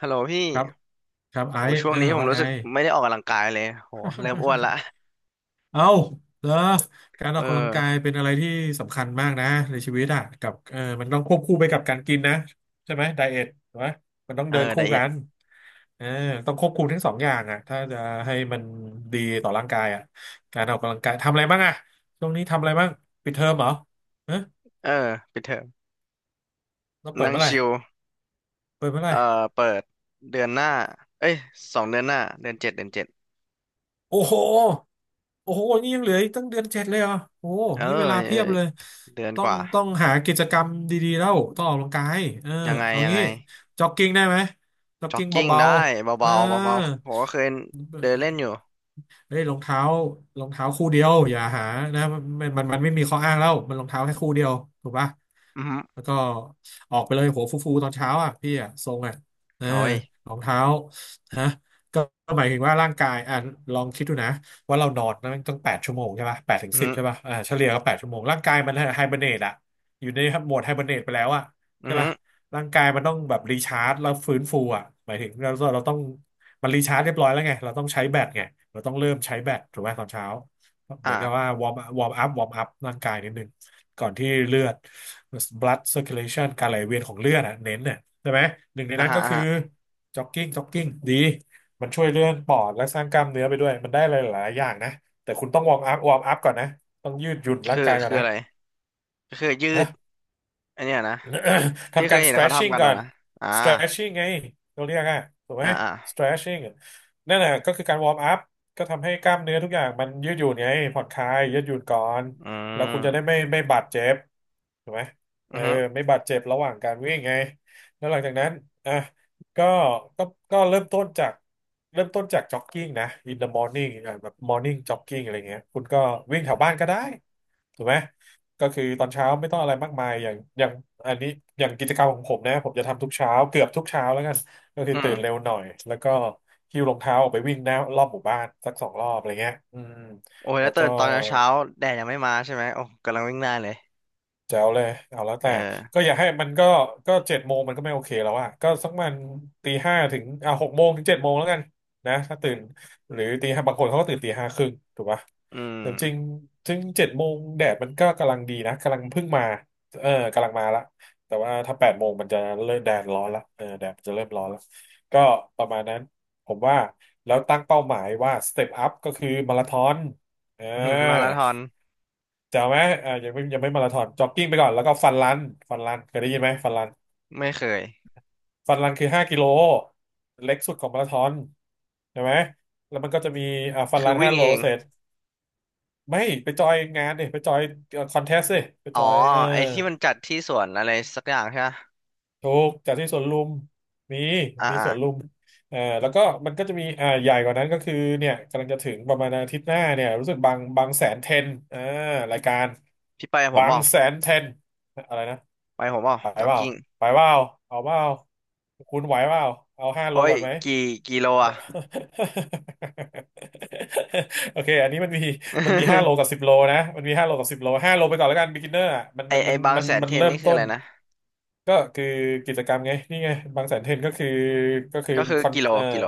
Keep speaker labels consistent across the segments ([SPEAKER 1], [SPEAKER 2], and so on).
[SPEAKER 1] ฮัลโหลพี่
[SPEAKER 2] ครับครับไอ
[SPEAKER 1] โอ้
[SPEAKER 2] ซ์
[SPEAKER 1] ช่วงนี้ผม
[SPEAKER 2] ว่า
[SPEAKER 1] รู้
[SPEAKER 2] ไง
[SPEAKER 1] สึกไม่ได้ออกกำลังกายเลยโหเริ่มอ้วนละ
[SPEAKER 2] เอาเหรอการอ
[SPEAKER 1] เอ
[SPEAKER 2] อ
[SPEAKER 1] อ
[SPEAKER 2] กกำลังกายเป็นอะไรที่สำคัญมากนะในชีวิตอ่ะกับมันต้องควบคู่ไปกับการกินนะใช่ไหมไดเอทถูกไหมมันต้อง
[SPEAKER 1] เออ
[SPEAKER 2] เดิน
[SPEAKER 1] ได
[SPEAKER 2] คู่
[SPEAKER 1] เอ
[SPEAKER 2] กัน
[SPEAKER 1] ท
[SPEAKER 2] เออต้องควบคุมทั้งสองอย่างอ่ะถ้าจะให้มันดีต่อร่างกายอ่ะการออกกำลังกายทำอะไรบ้างอ่ะช่วงนี้ทำอะไรบ้างปิดเทอมเหรอเอ๊ะ
[SPEAKER 1] เออปิดเทอม
[SPEAKER 2] เราเปิด
[SPEAKER 1] นั่ง
[SPEAKER 2] เมื่อไหร่
[SPEAKER 1] ชิล
[SPEAKER 2] เปิดเมื่อไห
[SPEAKER 1] เอ่
[SPEAKER 2] ร่
[SPEAKER 1] อเปิดเดือนหน้าเอ้ย2 เดือนหน้าเดือนเจ็ดเดือนเจ็ด
[SPEAKER 2] โอ้โหโอ้โหนี่ยังเหลืออีกตั้งเดือนเจ็ดเลยเหรอ่ะโอ้โห
[SPEAKER 1] เออ
[SPEAKER 2] นี่เวลา
[SPEAKER 1] เอ
[SPEAKER 2] เพี
[SPEAKER 1] อ
[SPEAKER 2] ยบเลย
[SPEAKER 1] เดือน
[SPEAKER 2] ต้อ
[SPEAKER 1] ก
[SPEAKER 2] ง
[SPEAKER 1] ว่า
[SPEAKER 2] ต้องหากิจกรรมดีๆแล้ว ต้องออกกำลังกายเออ
[SPEAKER 1] ยังไง
[SPEAKER 2] เอา
[SPEAKER 1] ยัง
[SPEAKER 2] งี้
[SPEAKER 1] ไง
[SPEAKER 2] จ็อกกิ้งได้ไหมจ็อก
[SPEAKER 1] จ็อก
[SPEAKER 2] กิ้ง
[SPEAKER 1] กิ้ง
[SPEAKER 2] เบา
[SPEAKER 1] ได้
[SPEAKER 2] ๆเออ
[SPEAKER 1] เบาๆเบาๆผมก็เคยเดินเล่นอยู่
[SPEAKER 2] เฮ้ยรองเท้ารองเท้าคู่เดียวอย่าหานะมันไม่มีข้ออ้างแล้ว มันรองเท้าแค่คู่เดียวถูกปะ
[SPEAKER 1] อือฮึ
[SPEAKER 2] แล้วก็ออกไปเลยหัวฟูๆตอนเช้าอ่ะพี่อ่ะทรงอ่ะเออ
[SPEAKER 1] โอ้ย
[SPEAKER 2] รองเท้าฮะก็ก็หมายถึงว่าร่างกายอ่ะลองคิดดูนะว่าเรานอนนั่นตั้งแปดชั่วโมงใช่ป่ะแปดถึง
[SPEAKER 1] อือ
[SPEAKER 2] สิบ
[SPEAKER 1] ฮึ
[SPEAKER 2] ใช่ป่ะเฉลี่ยก็แปดชั่วโมงร่างกายมันไฮเบอร์เนตอ่ะอยู่ในโหมดไฮเบอร์เนตไปแล้วอ่ะ
[SPEAKER 1] อื
[SPEAKER 2] ใช่
[SPEAKER 1] อฮึ
[SPEAKER 2] ป่ะร่างกายมันต้องแบบรีชาร์จแล้วฟื้นฟูอ่ะหมายถึงเราต้องมันรีชาร์จเรียบร้อยแล้วไงเราต้องใช้แบตไงเราต้องเริ่มใช้แบตถูกไหมตอนเช้า เหมือ
[SPEAKER 1] อ่า
[SPEAKER 2] นกับว่าวอร์มอัพร่างกายนิดนึงก่อนที่เลือด blood circulation การไหลเวียนของเลือดอ่ะเน้นเนี่ยใช่ไหมหนึ่งใน
[SPEAKER 1] อ่า
[SPEAKER 2] นั้น
[SPEAKER 1] ฮะ
[SPEAKER 2] ก็
[SPEAKER 1] อ่า
[SPEAKER 2] คือ
[SPEAKER 1] ฮะ
[SPEAKER 2] จ็อกกิ้งดีมันช่วยเลื่อนปอดและสร้างกล้ามเนื้อไปด้วยมันได้หลายๆอย่างนะแต่คุณต้องวอร์มอัพก่อนนะต้องยืดหยุ่นร่า
[SPEAKER 1] คื
[SPEAKER 2] ง
[SPEAKER 1] อ
[SPEAKER 2] กายก่อน
[SPEAKER 1] คือ
[SPEAKER 2] นะ
[SPEAKER 1] อะไรก็คือยื
[SPEAKER 2] ฮะ
[SPEAKER 1] ดอันเนี้ยนะ ที่
[SPEAKER 2] ทำ
[SPEAKER 1] เค
[SPEAKER 2] กา
[SPEAKER 1] ย
[SPEAKER 2] ร
[SPEAKER 1] เห็นเขาทำ
[SPEAKER 2] stretching
[SPEAKER 1] กัน
[SPEAKER 2] ก่อ
[SPEAKER 1] อะ
[SPEAKER 2] น
[SPEAKER 1] นะอ่า
[SPEAKER 2] stretching ไงเราเรียกอะถูกไหม
[SPEAKER 1] อ่าอ่า
[SPEAKER 2] stretching นั่นแหละก็คือการ warm up ก็ทำให้กล้ามเนื้อทุกอย่างมันยืดหยุ่นไงผ่อนคลายยืดหยุ่นก่อน
[SPEAKER 1] อื
[SPEAKER 2] แล้วคุณจะได้
[SPEAKER 1] ม
[SPEAKER 2] ไม่บาดเจ็บถูกไหมเอ
[SPEAKER 1] อื
[SPEAKER 2] อ
[SPEAKER 1] อฮึ
[SPEAKER 2] ไม่บาดเจ็บระหว่างการวิ่งไงแล้วหลังจากนั้นอ่ะก็ก็ก็เริ่มต้นจากเริ่มต้นจาก jogging นะ in the morning อ่ะแบบ morning jogging อะไรเงี้ยคุณก็วิ่งแถวบ้านก็ได้ถูกไหม ก็คือตอนเช้าไม่ต้องอะไรมากมายอย่างอันนี้อย่างกิจกรรมของผมนะผมจะทำทุกเช้าเกือบทุกเช้าแล้วกันก็คื
[SPEAKER 1] อื
[SPEAKER 2] อตื่นเร็
[SPEAKER 1] ม
[SPEAKER 2] วหน่อยแล้วก็หิ้วรองเท้าออกไปวิ่งหน้ารอบหมู่บ้านสัก2 รอบอะไรเงี้ยอืม
[SPEAKER 1] โอ้ย
[SPEAKER 2] แล้
[SPEAKER 1] แล้ว
[SPEAKER 2] ว
[SPEAKER 1] ตื่
[SPEAKER 2] ก็
[SPEAKER 1] นตอนเช้าๆแดดยังไม่มาใช่ไหมโอ้กำลังวิ่งหน้าเลย
[SPEAKER 2] แจ๋วเลยเอาแล้ว
[SPEAKER 1] เอ
[SPEAKER 2] แต่ก็
[SPEAKER 1] อ
[SPEAKER 2] อย่าให้มันก็เจ็ดโมงมันก็ไม่โอเคแล้วอะก็สักมันตีห้าถึงอ่ะหกโมงถึงเจ็ดโมงแล้วกันนะถ้าตื่นหรือตีห้าบางคนเขาก็ตื่นตีห้าครึ่งถูกปะ
[SPEAKER 1] อืม
[SPEAKER 2] แต่จริงถึงเจ็ดโมงแดดมันก็กำลังดีนะกำลังเพิ่งมาเออกำลังมาละแต่ว่าถ้าแปดโมงมันจะเริ่มแดดร้อนละเออแดดมันจะเริ่มร้อนละก็ประมาณนั้นผมว่าแล้วตั้งเป้าหมายว่าสเต็ปอัพก็คือมาราธอนเออ
[SPEAKER 1] อืมมาราธอน
[SPEAKER 2] แจ๋วไหมอ่ายังไม่มาราธอนจ็อกกิ้งไปก่อนแล้วก็ฟันรัน ฟันรันเคยได้ยินไหมฟันรัน
[SPEAKER 1] ไม่เคย
[SPEAKER 2] ฟันรันคือ5 กิโลเล็กสุดของมาราธอนใช่ไหมแล้วมันก็จะมีอ่าฟัน
[SPEAKER 1] คื
[SPEAKER 2] รั
[SPEAKER 1] อ
[SPEAKER 2] น
[SPEAKER 1] วิ่
[SPEAKER 2] ห้า
[SPEAKER 1] ง
[SPEAKER 2] โล
[SPEAKER 1] เอง
[SPEAKER 2] เสร็จไม่ไปจอยงานดิไปจอยคอนเทสต์ดิไป
[SPEAKER 1] อ๋อ
[SPEAKER 2] จอยเออ
[SPEAKER 1] ไอ้ที่มันจัดที่สวนอะไรสักอย่างใช่ไหม
[SPEAKER 2] ถูกจากที่สวนลุมมี
[SPEAKER 1] อ่า
[SPEAKER 2] มี
[SPEAKER 1] อ่า
[SPEAKER 2] สวนลุมเออแล้วก็มันก็จะมีอ่าใหญ่กว่านั้นก็คือเนี่ยกำลังจะถึงประมาณอาทิตย์หน้าเนี่ยรู้สึกบางแสนเทนอ่ารายการ
[SPEAKER 1] พี่ไปกับผม
[SPEAKER 2] บาง
[SPEAKER 1] บ่า
[SPEAKER 2] แสนเทนอะไรนะ
[SPEAKER 1] ไปกับผมบ่า
[SPEAKER 2] ไป
[SPEAKER 1] จ็อก
[SPEAKER 2] เปล่า
[SPEAKER 1] กิ้ง
[SPEAKER 2] ไปเปล่าเอาเปล่าคุณไหวเปล่าเอาห้าโล
[SPEAKER 1] โอ้ย
[SPEAKER 2] ก่อนไหม
[SPEAKER 1] กี่กิโลอ่ะ
[SPEAKER 2] โอเคอันนี้มันมีมันมีห้าโล กับสิบโลนะมันมีห้าโลกับสิบโลห้าโลไปก่อนแล้วกัน beginner อ่ะมัน
[SPEAKER 1] ไอ
[SPEAKER 2] มัน
[SPEAKER 1] ไอ
[SPEAKER 2] มัน
[SPEAKER 1] บาง
[SPEAKER 2] มัน
[SPEAKER 1] แสน
[SPEAKER 2] มั
[SPEAKER 1] เท
[SPEAKER 2] น
[SPEAKER 1] รน
[SPEAKER 2] เริ่ม
[SPEAKER 1] นี่คือ
[SPEAKER 2] ต้
[SPEAKER 1] อะ
[SPEAKER 2] น
[SPEAKER 1] ไรนะ
[SPEAKER 2] ก็คือกิจกรรมไงนี่ไงบางแสนเทรนก็คือก็คือ
[SPEAKER 1] ก็คือ
[SPEAKER 2] คอน
[SPEAKER 1] กิโล
[SPEAKER 2] เอ่อ
[SPEAKER 1] กิโล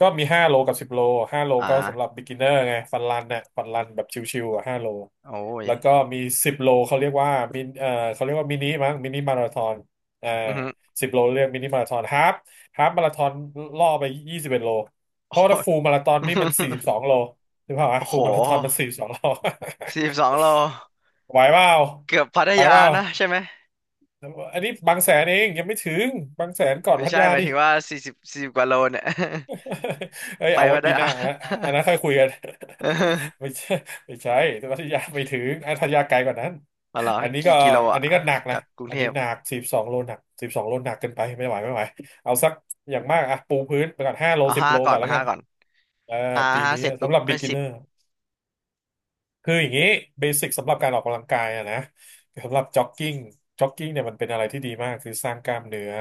[SPEAKER 2] ก็มี5 โลกับ 10 โลห้าโล
[SPEAKER 1] อ่
[SPEAKER 2] ก็สำหรับ
[SPEAKER 1] า
[SPEAKER 2] Beginner ไง ฟันรันเนี่ยฟันรันแบบชิวๆอ่ะห้าโล
[SPEAKER 1] โอ้ย
[SPEAKER 2] แล้วก็มี10 โลเขาเรียกว่ามินเอ่อเขาเรียกว่ามินิมั้งมินิมาราธอนอ่า
[SPEAKER 1] อือหือ
[SPEAKER 2] สิบโลเรียกมินิมาราธอนฮาฟฮาฟมาราธอนล่อไป21 โล เพ
[SPEAKER 1] โอ้
[SPEAKER 2] ราะว่าถ้า
[SPEAKER 1] ย
[SPEAKER 2] ฟูลมาราธอนนี่มัน สี่สิบสองโลถูกเปล่าวะ
[SPEAKER 1] โอ้
[SPEAKER 2] ฟู
[SPEAKER 1] โห
[SPEAKER 2] ลมาราธอนมันสี่สิบสองโล
[SPEAKER 1] 42 โล
[SPEAKER 2] ไหวเปล่า
[SPEAKER 1] เกือบพัท
[SPEAKER 2] ไป
[SPEAKER 1] ยา
[SPEAKER 2] เปล่า
[SPEAKER 1] นะใช่ไหม
[SPEAKER 2] อันนี้บางแสนเอง ยังไม่ถึง บางแสนก่อน
[SPEAKER 1] ไม่
[SPEAKER 2] พัท
[SPEAKER 1] ใช่
[SPEAKER 2] ยา
[SPEAKER 1] หมาย
[SPEAKER 2] ดิ
[SPEAKER 1] ถึงว่าสี่สิบกว่าโลเนี่ย
[SPEAKER 2] เอ้ย
[SPEAKER 1] ไป
[SPEAKER 2] เอาไว้
[SPEAKER 1] พัท
[SPEAKER 2] ปีห
[SPEAKER 1] ยา
[SPEAKER 2] น้านะอัน นั้นค่อยคุยกัน
[SPEAKER 1] เออ
[SPEAKER 2] ไม่ใช่ไม่ใช่แต่พัทยาไม่ถึงอ่ะพัทยาไกลกว่านั้น
[SPEAKER 1] เอาเหรอ
[SPEAKER 2] อันนี้
[SPEAKER 1] กี่
[SPEAKER 2] ก็
[SPEAKER 1] กิโล
[SPEAKER 2] อั
[SPEAKER 1] อ่ะ
[SPEAKER 2] นนี้ก็หนัก
[SPEAKER 1] จา
[SPEAKER 2] นะ
[SPEAKER 1] กกรุง
[SPEAKER 2] อัน
[SPEAKER 1] เท
[SPEAKER 2] นี้
[SPEAKER 1] พ
[SPEAKER 2] หนักสิบสองโลหนักสิบสองโลหนักเกินไปไม่ไหวไม่ไหวเอาสักอย่างมากอ่ะปูพื้นไปก่อน5 โล
[SPEAKER 1] เอา
[SPEAKER 2] สิบ
[SPEAKER 1] ห้า
[SPEAKER 2] โล
[SPEAKER 1] ก่อ
[SPEAKER 2] ก่อ
[SPEAKER 1] น
[SPEAKER 2] นแล้ว
[SPEAKER 1] ห้า
[SPEAKER 2] กัน
[SPEAKER 1] ก่อน
[SPEAKER 2] เออ
[SPEAKER 1] ห้า
[SPEAKER 2] ปี
[SPEAKER 1] ห้า
[SPEAKER 2] นี้
[SPEAKER 1] เสร็จปุ๊
[SPEAKER 2] สำ
[SPEAKER 1] บ
[SPEAKER 2] หรับ
[SPEAKER 1] ก็สิบ
[SPEAKER 2] beginner คืออย่างนี้เบสิกสำหรับการออกกำลังกายอะนะสำหรับจ็อกกิ้งจ็อกกิ้งเนี่ยมันเป็นอะไรที่ดีมากคือสร้างกล้ามเนื้อ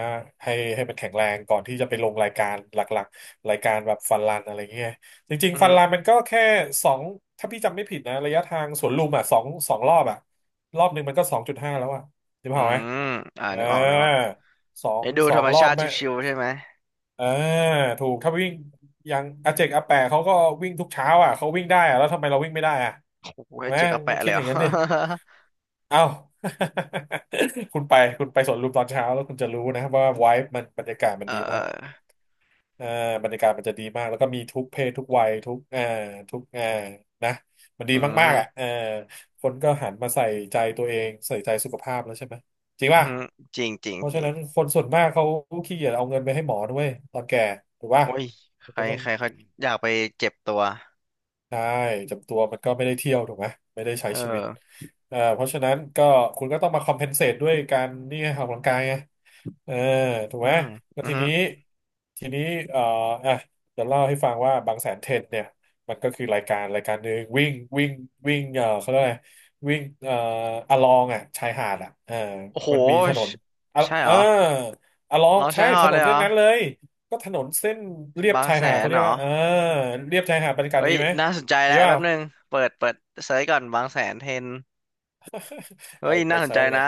[SPEAKER 2] ให้ให้มันแข็งแรงก่อนที่จะไปลงรายการหลักๆรายการแบบฟันรันอะไรเงี้ยจริง
[SPEAKER 1] อืมอ
[SPEAKER 2] ๆฟั
[SPEAKER 1] หื
[SPEAKER 2] น
[SPEAKER 1] อ
[SPEAKER 2] รันมันก็แค่สองถ้าพี่จำไม่ผิดนะระยะทางสวนลุมอ่ะสองสองรอบอ่ะรอบหนึ่งมันก็2.5แล้วอ่ะจำ
[SPEAKER 1] อื
[SPEAKER 2] เปล่าไหม
[SPEAKER 1] มอ่า
[SPEAKER 2] เออ
[SPEAKER 1] นึกออกนึกออก
[SPEAKER 2] สอง
[SPEAKER 1] ไอ้ดู
[SPEAKER 2] สอ
[SPEAKER 1] ธร
[SPEAKER 2] ง
[SPEAKER 1] รม
[SPEAKER 2] รอ
[SPEAKER 1] ชา
[SPEAKER 2] บ
[SPEAKER 1] ติ
[SPEAKER 2] แม่
[SPEAKER 1] ชิวๆใช่ไหม
[SPEAKER 2] อ่าถูกถ้าวิ่งอย่างอาเจกอาแปะเขาก็วิ่งทุกเช้าอ่ะเขาวิ่งได้อ่ะแล้วทำไมเราวิ่งไม่ได้อ่ะ
[SPEAKER 1] โอ้โห
[SPEAKER 2] ถูก
[SPEAKER 1] ให้
[SPEAKER 2] ไหม
[SPEAKER 1] เจ๊กเอา
[SPEAKER 2] ต้อ
[SPEAKER 1] แปะ
[SPEAKER 2] ง
[SPEAKER 1] เล
[SPEAKER 2] คิด
[SPEAKER 1] ย
[SPEAKER 2] อ
[SPEAKER 1] เหร
[SPEAKER 2] ย่างนั้นดิ
[SPEAKER 1] อ
[SPEAKER 2] เอ้า คุณไปคุณไปสวนลุมตอนเช้าแล้วคุณจะรู้นะว่าไวบ์มันบรรยากาศ มั
[SPEAKER 1] เอ
[SPEAKER 2] น
[SPEAKER 1] อ
[SPEAKER 2] ดี
[SPEAKER 1] เอ
[SPEAKER 2] มา
[SPEAKER 1] อ
[SPEAKER 2] ก อ่าบรรยากาศมันจะดีมากแล้วก็มีทุกเพศทุกวัยทุกทุกอ่านะมันดี
[SPEAKER 1] อื
[SPEAKER 2] มากๆอ่ะเอ
[SPEAKER 1] ม
[SPEAKER 2] อคนก็หันมาใส่ใจตัวเองใส่ใจสุขภาพแล้วใช่ไหมจริง
[SPEAKER 1] อื
[SPEAKER 2] ป่ะ
[SPEAKER 1] มจริงจริง
[SPEAKER 2] เพราะ
[SPEAKER 1] จ
[SPEAKER 2] ฉะ
[SPEAKER 1] ริง
[SPEAKER 2] นั้นคนส่วนมากเขาขี้เกียจเอาเงินไปให้หมอด้วยตอนแก่ถูกป่ะ
[SPEAKER 1] โอ้ยใค
[SPEAKER 2] มัน
[SPEAKER 1] ร
[SPEAKER 2] ก็ต้อง
[SPEAKER 1] ใครเขาอยากไปเจ็บตัว
[SPEAKER 2] ใช่จำตัวมันก็ไม่ได้เที่ยวถูกไหมไม่ได้ใช้
[SPEAKER 1] เออ
[SPEAKER 2] ชีวิตเพราะฉะนั้นก็คุณก็ต้องมาคอมเพนเซตด้วยการนี่ไงออกกำลังกายไง เออถูก
[SPEAKER 1] อื
[SPEAKER 2] ไหม
[SPEAKER 1] ม
[SPEAKER 2] แล้ว
[SPEAKER 1] อื
[SPEAKER 2] ที
[SPEAKER 1] ม
[SPEAKER 2] นี้ทีนี้เอ่ออ่ะจะเล่าให้ฟังว่าบางแสนเทนเนี่ยมันก็คือรายการรายการหนึ่งวิ่งวิ่งวิ่งเอ่อเขาเรียกอะไรวิ่งอะลองอ่ะชายหาดอ่ะเออ
[SPEAKER 1] โอ้โห
[SPEAKER 2] มันมีถนนอะ
[SPEAKER 1] ใช่ใช่
[SPEAKER 2] เอ
[SPEAKER 1] เห
[SPEAKER 2] อ
[SPEAKER 1] รอ
[SPEAKER 2] อะลอง
[SPEAKER 1] เรา
[SPEAKER 2] ใช่
[SPEAKER 1] ใช้หอ
[SPEAKER 2] ถน
[SPEAKER 1] เล
[SPEAKER 2] น
[SPEAKER 1] ยเหร
[SPEAKER 2] เส้น
[SPEAKER 1] อ
[SPEAKER 2] นั้นเลยก็ถนนเส้นเลียบ
[SPEAKER 1] บาง
[SPEAKER 2] ชาย
[SPEAKER 1] แส
[SPEAKER 2] หาด
[SPEAKER 1] น
[SPEAKER 2] เขาเรี
[SPEAKER 1] เห
[SPEAKER 2] ย
[SPEAKER 1] ร
[SPEAKER 2] ก
[SPEAKER 1] อ
[SPEAKER 2] ว่าเออเลียบชายหาดบรรยากาศ
[SPEAKER 1] เฮ้
[SPEAKER 2] ดี
[SPEAKER 1] ย
[SPEAKER 2] ไหม
[SPEAKER 1] น่าสนใจ
[SPEAKER 2] ดี
[SPEAKER 1] แล้ว
[SPEAKER 2] เป
[SPEAKER 1] แป๊
[SPEAKER 2] ล่า
[SPEAKER 1] บนึงเปิดเซิร์ชก่อนบางแสนเทรน
[SPEAKER 2] เอ
[SPEAKER 1] เฮ้
[SPEAKER 2] อ
[SPEAKER 1] ย
[SPEAKER 2] ไป
[SPEAKER 1] น่าสน
[SPEAKER 2] เซิ
[SPEAKER 1] ใจ
[SPEAKER 2] ร์ชเลย
[SPEAKER 1] นะ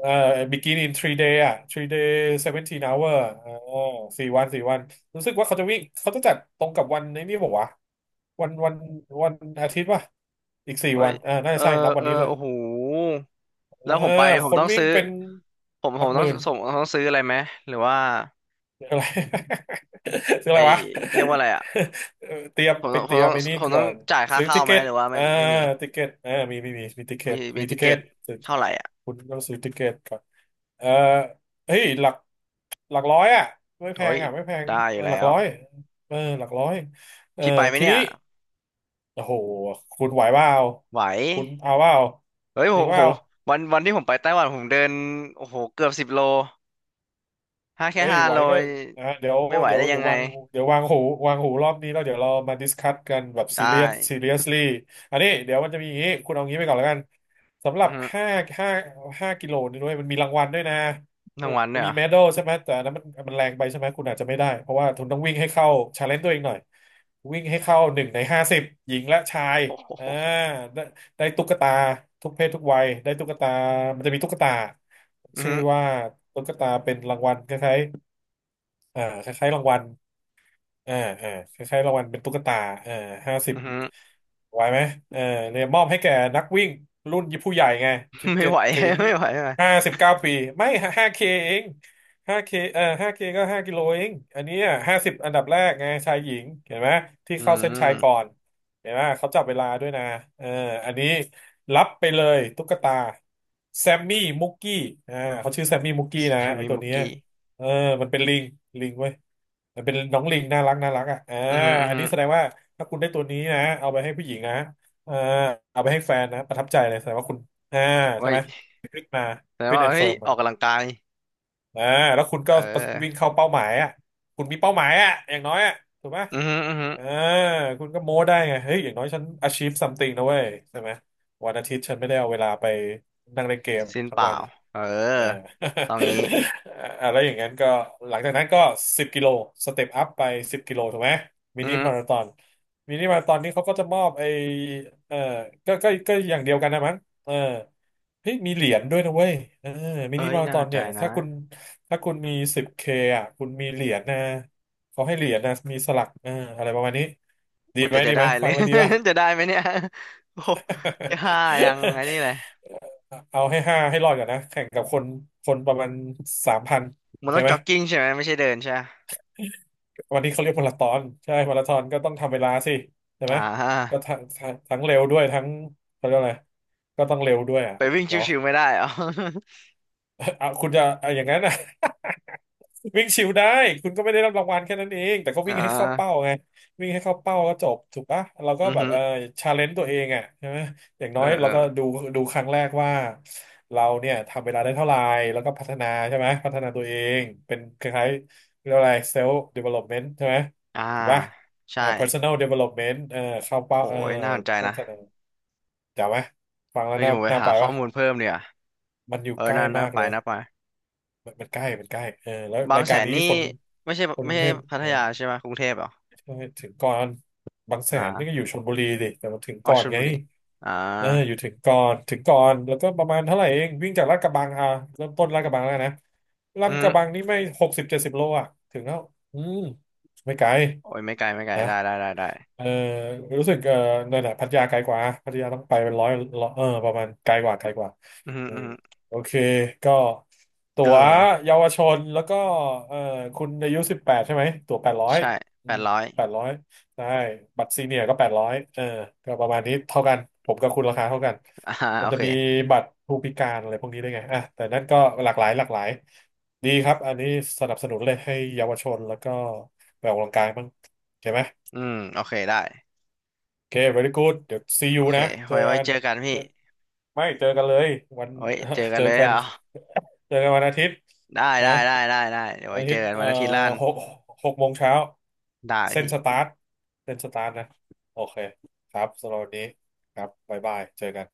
[SPEAKER 2] เอ่อ begin in 3 day อ่ะ 3 day 17 hour 4 วันสี่วันรู้สึกว่าเขาจะวิ่งเขาจะจัดตรงกับวันนี้นี่บอกว่าวะวันอาทิตย์ป่ะอีกสี่
[SPEAKER 1] เฮ้
[SPEAKER 2] วั
[SPEAKER 1] ย
[SPEAKER 2] นอ่าน่า
[SPEAKER 1] เอ
[SPEAKER 2] จะ
[SPEAKER 1] อ
[SPEAKER 2] ใช่นับวั
[SPEAKER 1] เอ
[SPEAKER 2] น
[SPEAKER 1] อ
[SPEAKER 2] นี้ด้วย
[SPEAKER 1] โอ้โห
[SPEAKER 2] เออ
[SPEAKER 1] แล้วผ
[SPEAKER 2] ค
[SPEAKER 1] ม
[SPEAKER 2] น
[SPEAKER 1] ต้อง
[SPEAKER 2] วิ่ง
[SPEAKER 1] ซื้อ
[SPEAKER 2] เป็น
[SPEAKER 1] ผม
[SPEAKER 2] ห
[SPEAKER 1] ผ
[SPEAKER 2] ลัก
[SPEAKER 1] ม
[SPEAKER 2] หมื่น
[SPEAKER 1] ต้องซื้ออะไรไหมหรือว่า
[SPEAKER 2] คืออะไร ซือ
[SPEAKER 1] ไอ
[SPEAKER 2] อะไรวะ
[SPEAKER 1] เรียกว่าอะไรอ่ะ
[SPEAKER 2] เออเตรียม
[SPEAKER 1] ผม
[SPEAKER 2] ไป
[SPEAKER 1] ต้องผ
[SPEAKER 2] เตรี
[SPEAKER 1] ม
[SPEAKER 2] ยม
[SPEAKER 1] ต้อง
[SPEAKER 2] ไปนี่
[SPEAKER 1] ผมต้
[SPEAKER 2] ก่
[SPEAKER 1] อ
[SPEAKER 2] อ
[SPEAKER 1] ง
[SPEAKER 2] น
[SPEAKER 1] จ่ายค่า
[SPEAKER 2] ซื้อ
[SPEAKER 1] เข้า
[SPEAKER 2] ติเก
[SPEAKER 1] ไหม
[SPEAKER 2] ต
[SPEAKER 1] หรือว่าไม่
[SPEAKER 2] อ่า
[SPEAKER 1] ไม่มี
[SPEAKER 2] ติเกตอ่ามีติเก
[SPEAKER 1] มี
[SPEAKER 2] ต
[SPEAKER 1] มี
[SPEAKER 2] มี
[SPEAKER 1] ติ
[SPEAKER 2] ติเก
[SPEAKER 1] เก
[SPEAKER 2] ต
[SPEAKER 1] ตเท่าไหร่อ่ะ
[SPEAKER 2] คุณต้องซื้อติเกตก่อนเออเฮ้ยหลัก หลักร้อยอ่ะไม่แพ
[SPEAKER 1] เฮ้
[SPEAKER 2] ง
[SPEAKER 1] ย
[SPEAKER 2] อ่ะไม่แพง
[SPEAKER 1] ได้อยู่
[SPEAKER 2] หลั
[SPEAKER 1] แล้
[SPEAKER 2] ก
[SPEAKER 1] ว
[SPEAKER 2] ร้อยเออหลักร้อยเออ
[SPEAKER 1] พี่ไปไหม
[SPEAKER 2] ที
[SPEAKER 1] เนี่ย
[SPEAKER 2] นี้โอ้โหคุณไหวเปล่า
[SPEAKER 1] ไหว
[SPEAKER 2] คุณเอาเปล่า
[SPEAKER 1] เฮ้ยผ
[SPEAKER 2] จริง
[SPEAKER 1] ม
[SPEAKER 2] เป
[SPEAKER 1] ผ
[SPEAKER 2] ล่า
[SPEAKER 1] มวันที่ผมไปไต้หวันผมเดินโอ้โหเกือบ10 โลแค่
[SPEAKER 2] เอ้ย
[SPEAKER 1] ห้า
[SPEAKER 2] ไหว
[SPEAKER 1] โล
[SPEAKER 2] ก็อ่าเดี๋ยว
[SPEAKER 1] ไม่ไหว
[SPEAKER 2] เดี๋ย
[SPEAKER 1] ได้
[SPEAKER 2] ว
[SPEAKER 1] ยั
[SPEAKER 2] เดี๋
[SPEAKER 1] ง
[SPEAKER 2] ยว
[SPEAKER 1] ไง
[SPEAKER 2] วางเดี๋ยววางหูวางหูรอบนี้แล้วเดี๋ยวเรามาดิสคัสกันแบบซี
[SPEAKER 1] ได้
[SPEAKER 2] เรียส ซีเรียสลี่อันนี้เดี๋ยวมันจะมีอย่างนี้คุณเอางี้ไปก่อนแล้วกัน สำหรั
[SPEAKER 1] อื
[SPEAKER 2] บ
[SPEAKER 1] อฮึ
[SPEAKER 2] ห้าห้าห้ากิโลนี่ด้วย มันมีรางวัลด้วยนะ
[SPEAKER 1] ทั้งวัน
[SPEAKER 2] มัน
[SPEAKER 1] เนี่ยเห
[SPEAKER 2] มี
[SPEAKER 1] รอ
[SPEAKER 2] เมดัลใช่ไหม แต่อันนั้นมันมันแรงไปใช่ไหม คุณอาจจะไม่ได้ เพราะว่าคุณต้องวิ่งให้เข้าชาเลนจ์ตัวเองหน่อย วิ่งให้เข้า1 ใน 50หญิงและชาย
[SPEAKER 1] โอ้
[SPEAKER 2] อ่า
[SPEAKER 1] โห
[SPEAKER 2] ได้ได้ตุ๊กตาทุกเพศทุกวัยได้ตุ๊กตามันจะมีตุ๊กตา
[SPEAKER 1] อือ
[SPEAKER 2] ชื่อ
[SPEAKER 1] ฮึ
[SPEAKER 2] ว่าตุ๊กตาเป็นรางวัลคล้ายๆ อ่าคล้ายๆรางวัลอ่าอ่าคล้ายๆรางวัลเป็นตุ๊กตาอ่าห้าสิบ
[SPEAKER 1] อือฮึ
[SPEAKER 2] ไหวไหมเออเนี่ยมอบให้แก่นักวิ่งรุ่นผู้ใหญ่ไงสิบ
[SPEAKER 1] ไม่
[SPEAKER 2] เจ็ด
[SPEAKER 1] ไหว
[SPEAKER 2] ถึง
[SPEAKER 1] ไม่ไหวไม่ไหว
[SPEAKER 2] ห้าสิบเก้าปีไม่ห้าเคเองห้าเคเออห้าเคก็ห้ากิโลเองอันนี้50 อันดับแรกไงชายหญิงเห็นไหมที่
[SPEAKER 1] อื
[SPEAKER 2] เข้าเส้นชัยก่อ
[SPEAKER 1] ม
[SPEAKER 2] นเห็นไหมเขาจับเวลาด้วยนะเอออันนี้รับไปเลยตุ๊กตาแซมมี่มุกกี้อ่าเขาชื่อแซมมี่มุกกี้นะ
[SPEAKER 1] แฮม
[SPEAKER 2] ไอ
[SPEAKER 1] มี่
[SPEAKER 2] ตัว
[SPEAKER 1] มุก
[SPEAKER 2] เนี้ย
[SPEAKER 1] กี้
[SPEAKER 2] เออมันเป็นลิงลิงเว้ยมันเป็นน้องลิงน่ารักน่ารักอ่ะอ่า
[SPEAKER 1] อือฮึอือ
[SPEAKER 2] อัน
[SPEAKER 1] ฮึ
[SPEAKER 2] นี้แสดงว่าถ้าคุณได้ตัวนี้นะเอาไปให้ผู้หญิงนะเอาเอาไปให้แฟนนะประทับใจเลยแสดงว่าคุณอ่า
[SPEAKER 1] เฮ้
[SPEAKER 2] ใช่
[SPEAKER 1] ย
[SPEAKER 2] ไหมฟิตมา
[SPEAKER 1] แสดง
[SPEAKER 2] ฟิต
[SPEAKER 1] ว่า
[SPEAKER 2] แอนด์
[SPEAKER 1] เฮ้
[SPEAKER 2] เฟิ
[SPEAKER 1] ย
[SPEAKER 2] ร์ม
[SPEAKER 1] อ
[SPEAKER 2] มา
[SPEAKER 1] อกกำลังกาย
[SPEAKER 2] อ่าแล้วคุณ
[SPEAKER 1] เอ
[SPEAKER 2] ก็วิ่ง
[SPEAKER 1] อ
[SPEAKER 2] เข้าเป้าหมายอ่ะคุณมีเป้าหมายอ่ะอย่างน้อยอ่ะถูกไหม
[SPEAKER 1] อือฮึอือฮึ
[SPEAKER 2] เออคุณก็โม้ได้ไงเฮ้ยอย่างน้อยฉัน achieve something นะเว้ยใช่ไหมวันอาทิตย์ฉันไม่ได้เอาเวลาไปนั่งเล่นเกม
[SPEAKER 1] สิ้น
[SPEAKER 2] ทั้
[SPEAKER 1] เป
[SPEAKER 2] ง
[SPEAKER 1] ล่า
[SPEAKER 2] วัน
[SPEAKER 1] เออ
[SPEAKER 2] เอ่า
[SPEAKER 1] ต้องงี้
[SPEAKER 2] อาแล้วอย่างนั้นก็หลังจากนั้นก็สิบกิโลสเต็ปอัพไปสิบกิโลถูกไหมมิ
[SPEAKER 1] อือ
[SPEAKER 2] นิ
[SPEAKER 1] ฮึ
[SPEAKER 2] มาราธอนมินิมาราธอนนี่เขาก็จะมอบไอเออก็อย่างเดียวกันนะมั้งเออเฮ้ยมีเหรียญด้วยนะเว้ยเออมินิ
[SPEAKER 1] เอ้ย
[SPEAKER 2] มารา
[SPEAKER 1] น่า
[SPEAKER 2] ธอ
[SPEAKER 1] ส
[SPEAKER 2] น
[SPEAKER 1] นใจ
[SPEAKER 2] เนี่ย
[SPEAKER 1] นะ
[SPEAKER 2] ถ้าคุณมี10Kอ่ะคุณมีเหรียญนะเขาให้เหรียญนะมีสลักเอออะไรประมาณนี้ดี
[SPEAKER 1] อุย
[SPEAKER 2] ไหม
[SPEAKER 1] แต่จะ
[SPEAKER 2] ดีไห
[SPEAKER 1] ได้
[SPEAKER 2] ม
[SPEAKER 1] เล
[SPEAKER 2] ฟั
[SPEAKER 1] ย
[SPEAKER 2] งแล้วดีป่ะ
[SPEAKER 1] จะได้ไหมเนี่ย โอ้โหแค่ ห้ายังไอ้นี่เลย
[SPEAKER 2] เอาให้5ให้รอดก่อนนะแข่งกับคนประมาณ3,000โอ
[SPEAKER 1] มัน
[SPEAKER 2] เค
[SPEAKER 1] ต้อง
[SPEAKER 2] ไหม
[SPEAKER 1] จ็อกกิ้งใช่ไหมไม่ใช่เดินใช่ไหม
[SPEAKER 2] วันนี้เขาเรียกมาราธอนใช่มาราธอนก็ต้องทำเวลาสิใช่ไห
[SPEAKER 1] อ่
[SPEAKER 2] มก็
[SPEAKER 1] า
[SPEAKER 2] ทั้งเร็วด้วยทั้งเขาเรียกอะไรก็ต้องเร็วด้วยอ่ะ
[SPEAKER 1] ไปวิ่ง
[SPEAKER 2] เนาะ
[SPEAKER 1] ชิวๆไม่ได้เหรอ
[SPEAKER 2] เอาคุณจะเอาอย่างนั้นนะ วิ่งชิวได้คุณก็ไม่ได้รับรางวัลแค่นั้นเองแต่ก็
[SPEAKER 1] อ่
[SPEAKER 2] วิ่งให้เข้าเป้า
[SPEAKER 1] า
[SPEAKER 2] ไงวิ่งให้เข้าเป้าก็จบถูกปะเราก็
[SPEAKER 1] อือ
[SPEAKER 2] แบบ
[SPEAKER 1] ฮึ
[SPEAKER 2] เออชาเลนจ์ตัวเองอ่ะใช่ไหมอย่าง
[SPEAKER 1] เอ
[SPEAKER 2] น้อ
[SPEAKER 1] อ
[SPEAKER 2] ย
[SPEAKER 1] เอ
[SPEAKER 2] เรา
[SPEAKER 1] อ
[SPEAKER 2] ก็ดูครั้งแรกว่าเราเนี่ยทำเวลาได้เท่าไหร่แล้วก็พัฒนาใช่ไหมพัฒนาตัวเองเป็นคล้ายๆเรียกว่าอะไรเซลล์เดเวล็อปเมนต์ใช่ไหม
[SPEAKER 1] อ่า
[SPEAKER 2] ถูกปะ
[SPEAKER 1] ใช่
[SPEAKER 2] personal development เข้า
[SPEAKER 1] โห
[SPEAKER 2] เป้า
[SPEAKER 1] ยน่าสนใจ
[SPEAKER 2] พั
[SPEAKER 1] นะ
[SPEAKER 2] ฒนาจำไหมฟังแล้ว
[SPEAKER 1] เฮ้ยเดี๋ยวผมไป
[SPEAKER 2] น่า
[SPEAKER 1] หา
[SPEAKER 2] ไป
[SPEAKER 1] ข้อ
[SPEAKER 2] ปะ
[SPEAKER 1] มูลเพิ่มเนี่ย
[SPEAKER 2] มันอยู่
[SPEAKER 1] เออ
[SPEAKER 2] ใกล้
[SPEAKER 1] นั่นน่า
[SPEAKER 2] มาก
[SPEAKER 1] ไป
[SPEAKER 2] เลย
[SPEAKER 1] น่าไป
[SPEAKER 2] มันใกล้เออแล้ว
[SPEAKER 1] บา
[SPEAKER 2] รา
[SPEAKER 1] ง
[SPEAKER 2] ย
[SPEAKER 1] แส
[SPEAKER 2] การ
[SPEAKER 1] น
[SPEAKER 2] นี้
[SPEAKER 1] นี่
[SPEAKER 2] คน
[SPEAKER 1] ไม่ใช่
[SPEAKER 2] ก
[SPEAKER 1] ไม่
[SPEAKER 2] รุง
[SPEAKER 1] ใช่
[SPEAKER 2] เทพ
[SPEAKER 1] พัท
[SPEAKER 2] นะ
[SPEAKER 1] ยาใช่ไหมกรุงเทพเหรอ
[SPEAKER 2] ใช่ถึงก่อนบางแสนนี่ก็
[SPEAKER 1] อ่า
[SPEAKER 2] อยู่ชลบุรีดิแต่มันถึง
[SPEAKER 1] อ๋อ
[SPEAKER 2] ก่อ
[SPEAKER 1] ช
[SPEAKER 2] น
[SPEAKER 1] ล
[SPEAKER 2] ไง
[SPEAKER 1] บุรีอ่า
[SPEAKER 2] เอออยู่ถึงก่อนแล้วก็ประมาณเท่าไหร่เอง วิ่งจากลาดกระบังอ่ะเริ่มต้นลาดกระบังแล้วนะลา
[SPEAKER 1] อื
[SPEAKER 2] ดกระบัง
[SPEAKER 1] ม
[SPEAKER 2] นี่ไม่60-70 โลอ่ะถึงแล้วอืมไม่ไกล
[SPEAKER 1] โอ้ยไม่ไกลไม่ไกล
[SPEAKER 2] นะ
[SPEAKER 1] ได้ได้ได้ได้
[SPEAKER 2] เออรู้สึกเออนั่นแหละพัทยาไกลกว่าพัทยาต้องไปเป็นร้อยเออประมาณไกลกว่า
[SPEAKER 1] อืม
[SPEAKER 2] อื
[SPEAKER 1] อื
[SPEAKER 2] ม
[SPEAKER 1] ม
[SPEAKER 2] โอเคก็ตั๋
[SPEAKER 1] เอ
[SPEAKER 2] ว
[SPEAKER 1] อ
[SPEAKER 2] เยาวชนแล้วก็เออคุณอายุ18ใช่ไหมตั๋วแปดร้อย
[SPEAKER 1] ใช่
[SPEAKER 2] อื
[SPEAKER 1] แป
[SPEAKER 2] ม
[SPEAKER 1] ดร้อย
[SPEAKER 2] แปดร้อยได้บัตรซีเนียร์ก็แปดร้อยเออก็ประมาณนี้เท่ากันผมกับคุณราคาเท่ากัน
[SPEAKER 1] อ่า
[SPEAKER 2] มั
[SPEAKER 1] โอ
[SPEAKER 2] นจะ
[SPEAKER 1] เค
[SPEAKER 2] มีบัตรผู้พิการอะไรพวกนี้ได้วยไงอ่ะแต่นั่นก็หลากหลายหลากหลายดีครับอันนี้สนับสนุนเลยให้เยาวชนแล้วก็ไปออกกำลังกายบ้างใช่ไหม
[SPEAKER 1] อืมโอเคได้
[SPEAKER 2] โอเค very good เดี๋ยว see you
[SPEAKER 1] โอเค
[SPEAKER 2] นะเจอ
[SPEAKER 1] ไว้
[SPEAKER 2] กัน
[SPEAKER 1] เจอกันพี่
[SPEAKER 2] เจอไม่เจอกันเลยวัน
[SPEAKER 1] ไว้เจอ กั
[SPEAKER 2] เจ
[SPEAKER 1] น
[SPEAKER 2] อ
[SPEAKER 1] เลย
[SPEAKER 2] กัน
[SPEAKER 1] เอา
[SPEAKER 2] เจอกันวันอาทิตย์
[SPEAKER 1] ได้
[SPEAKER 2] นะ
[SPEAKER 1] ได้ได้ได้ได้เดี๋ยว
[SPEAKER 2] วัน
[SPEAKER 1] ไว้
[SPEAKER 2] อา
[SPEAKER 1] เจ
[SPEAKER 2] ทิ
[SPEAKER 1] อ
[SPEAKER 2] ตย์
[SPEAKER 1] กันวันอาทิตย์ล้าน
[SPEAKER 2] หก6 โมงเช้า
[SPEAKER 1] ได้
[SPEAKER 2] เส้น
[SPEAKER 1] พี่
[SPEAKER 2] สตาร์ทเส้นสตาร์ทนะ โอเคครับ สำหรับวันนี้ครับบ๊ายบายเจอกัน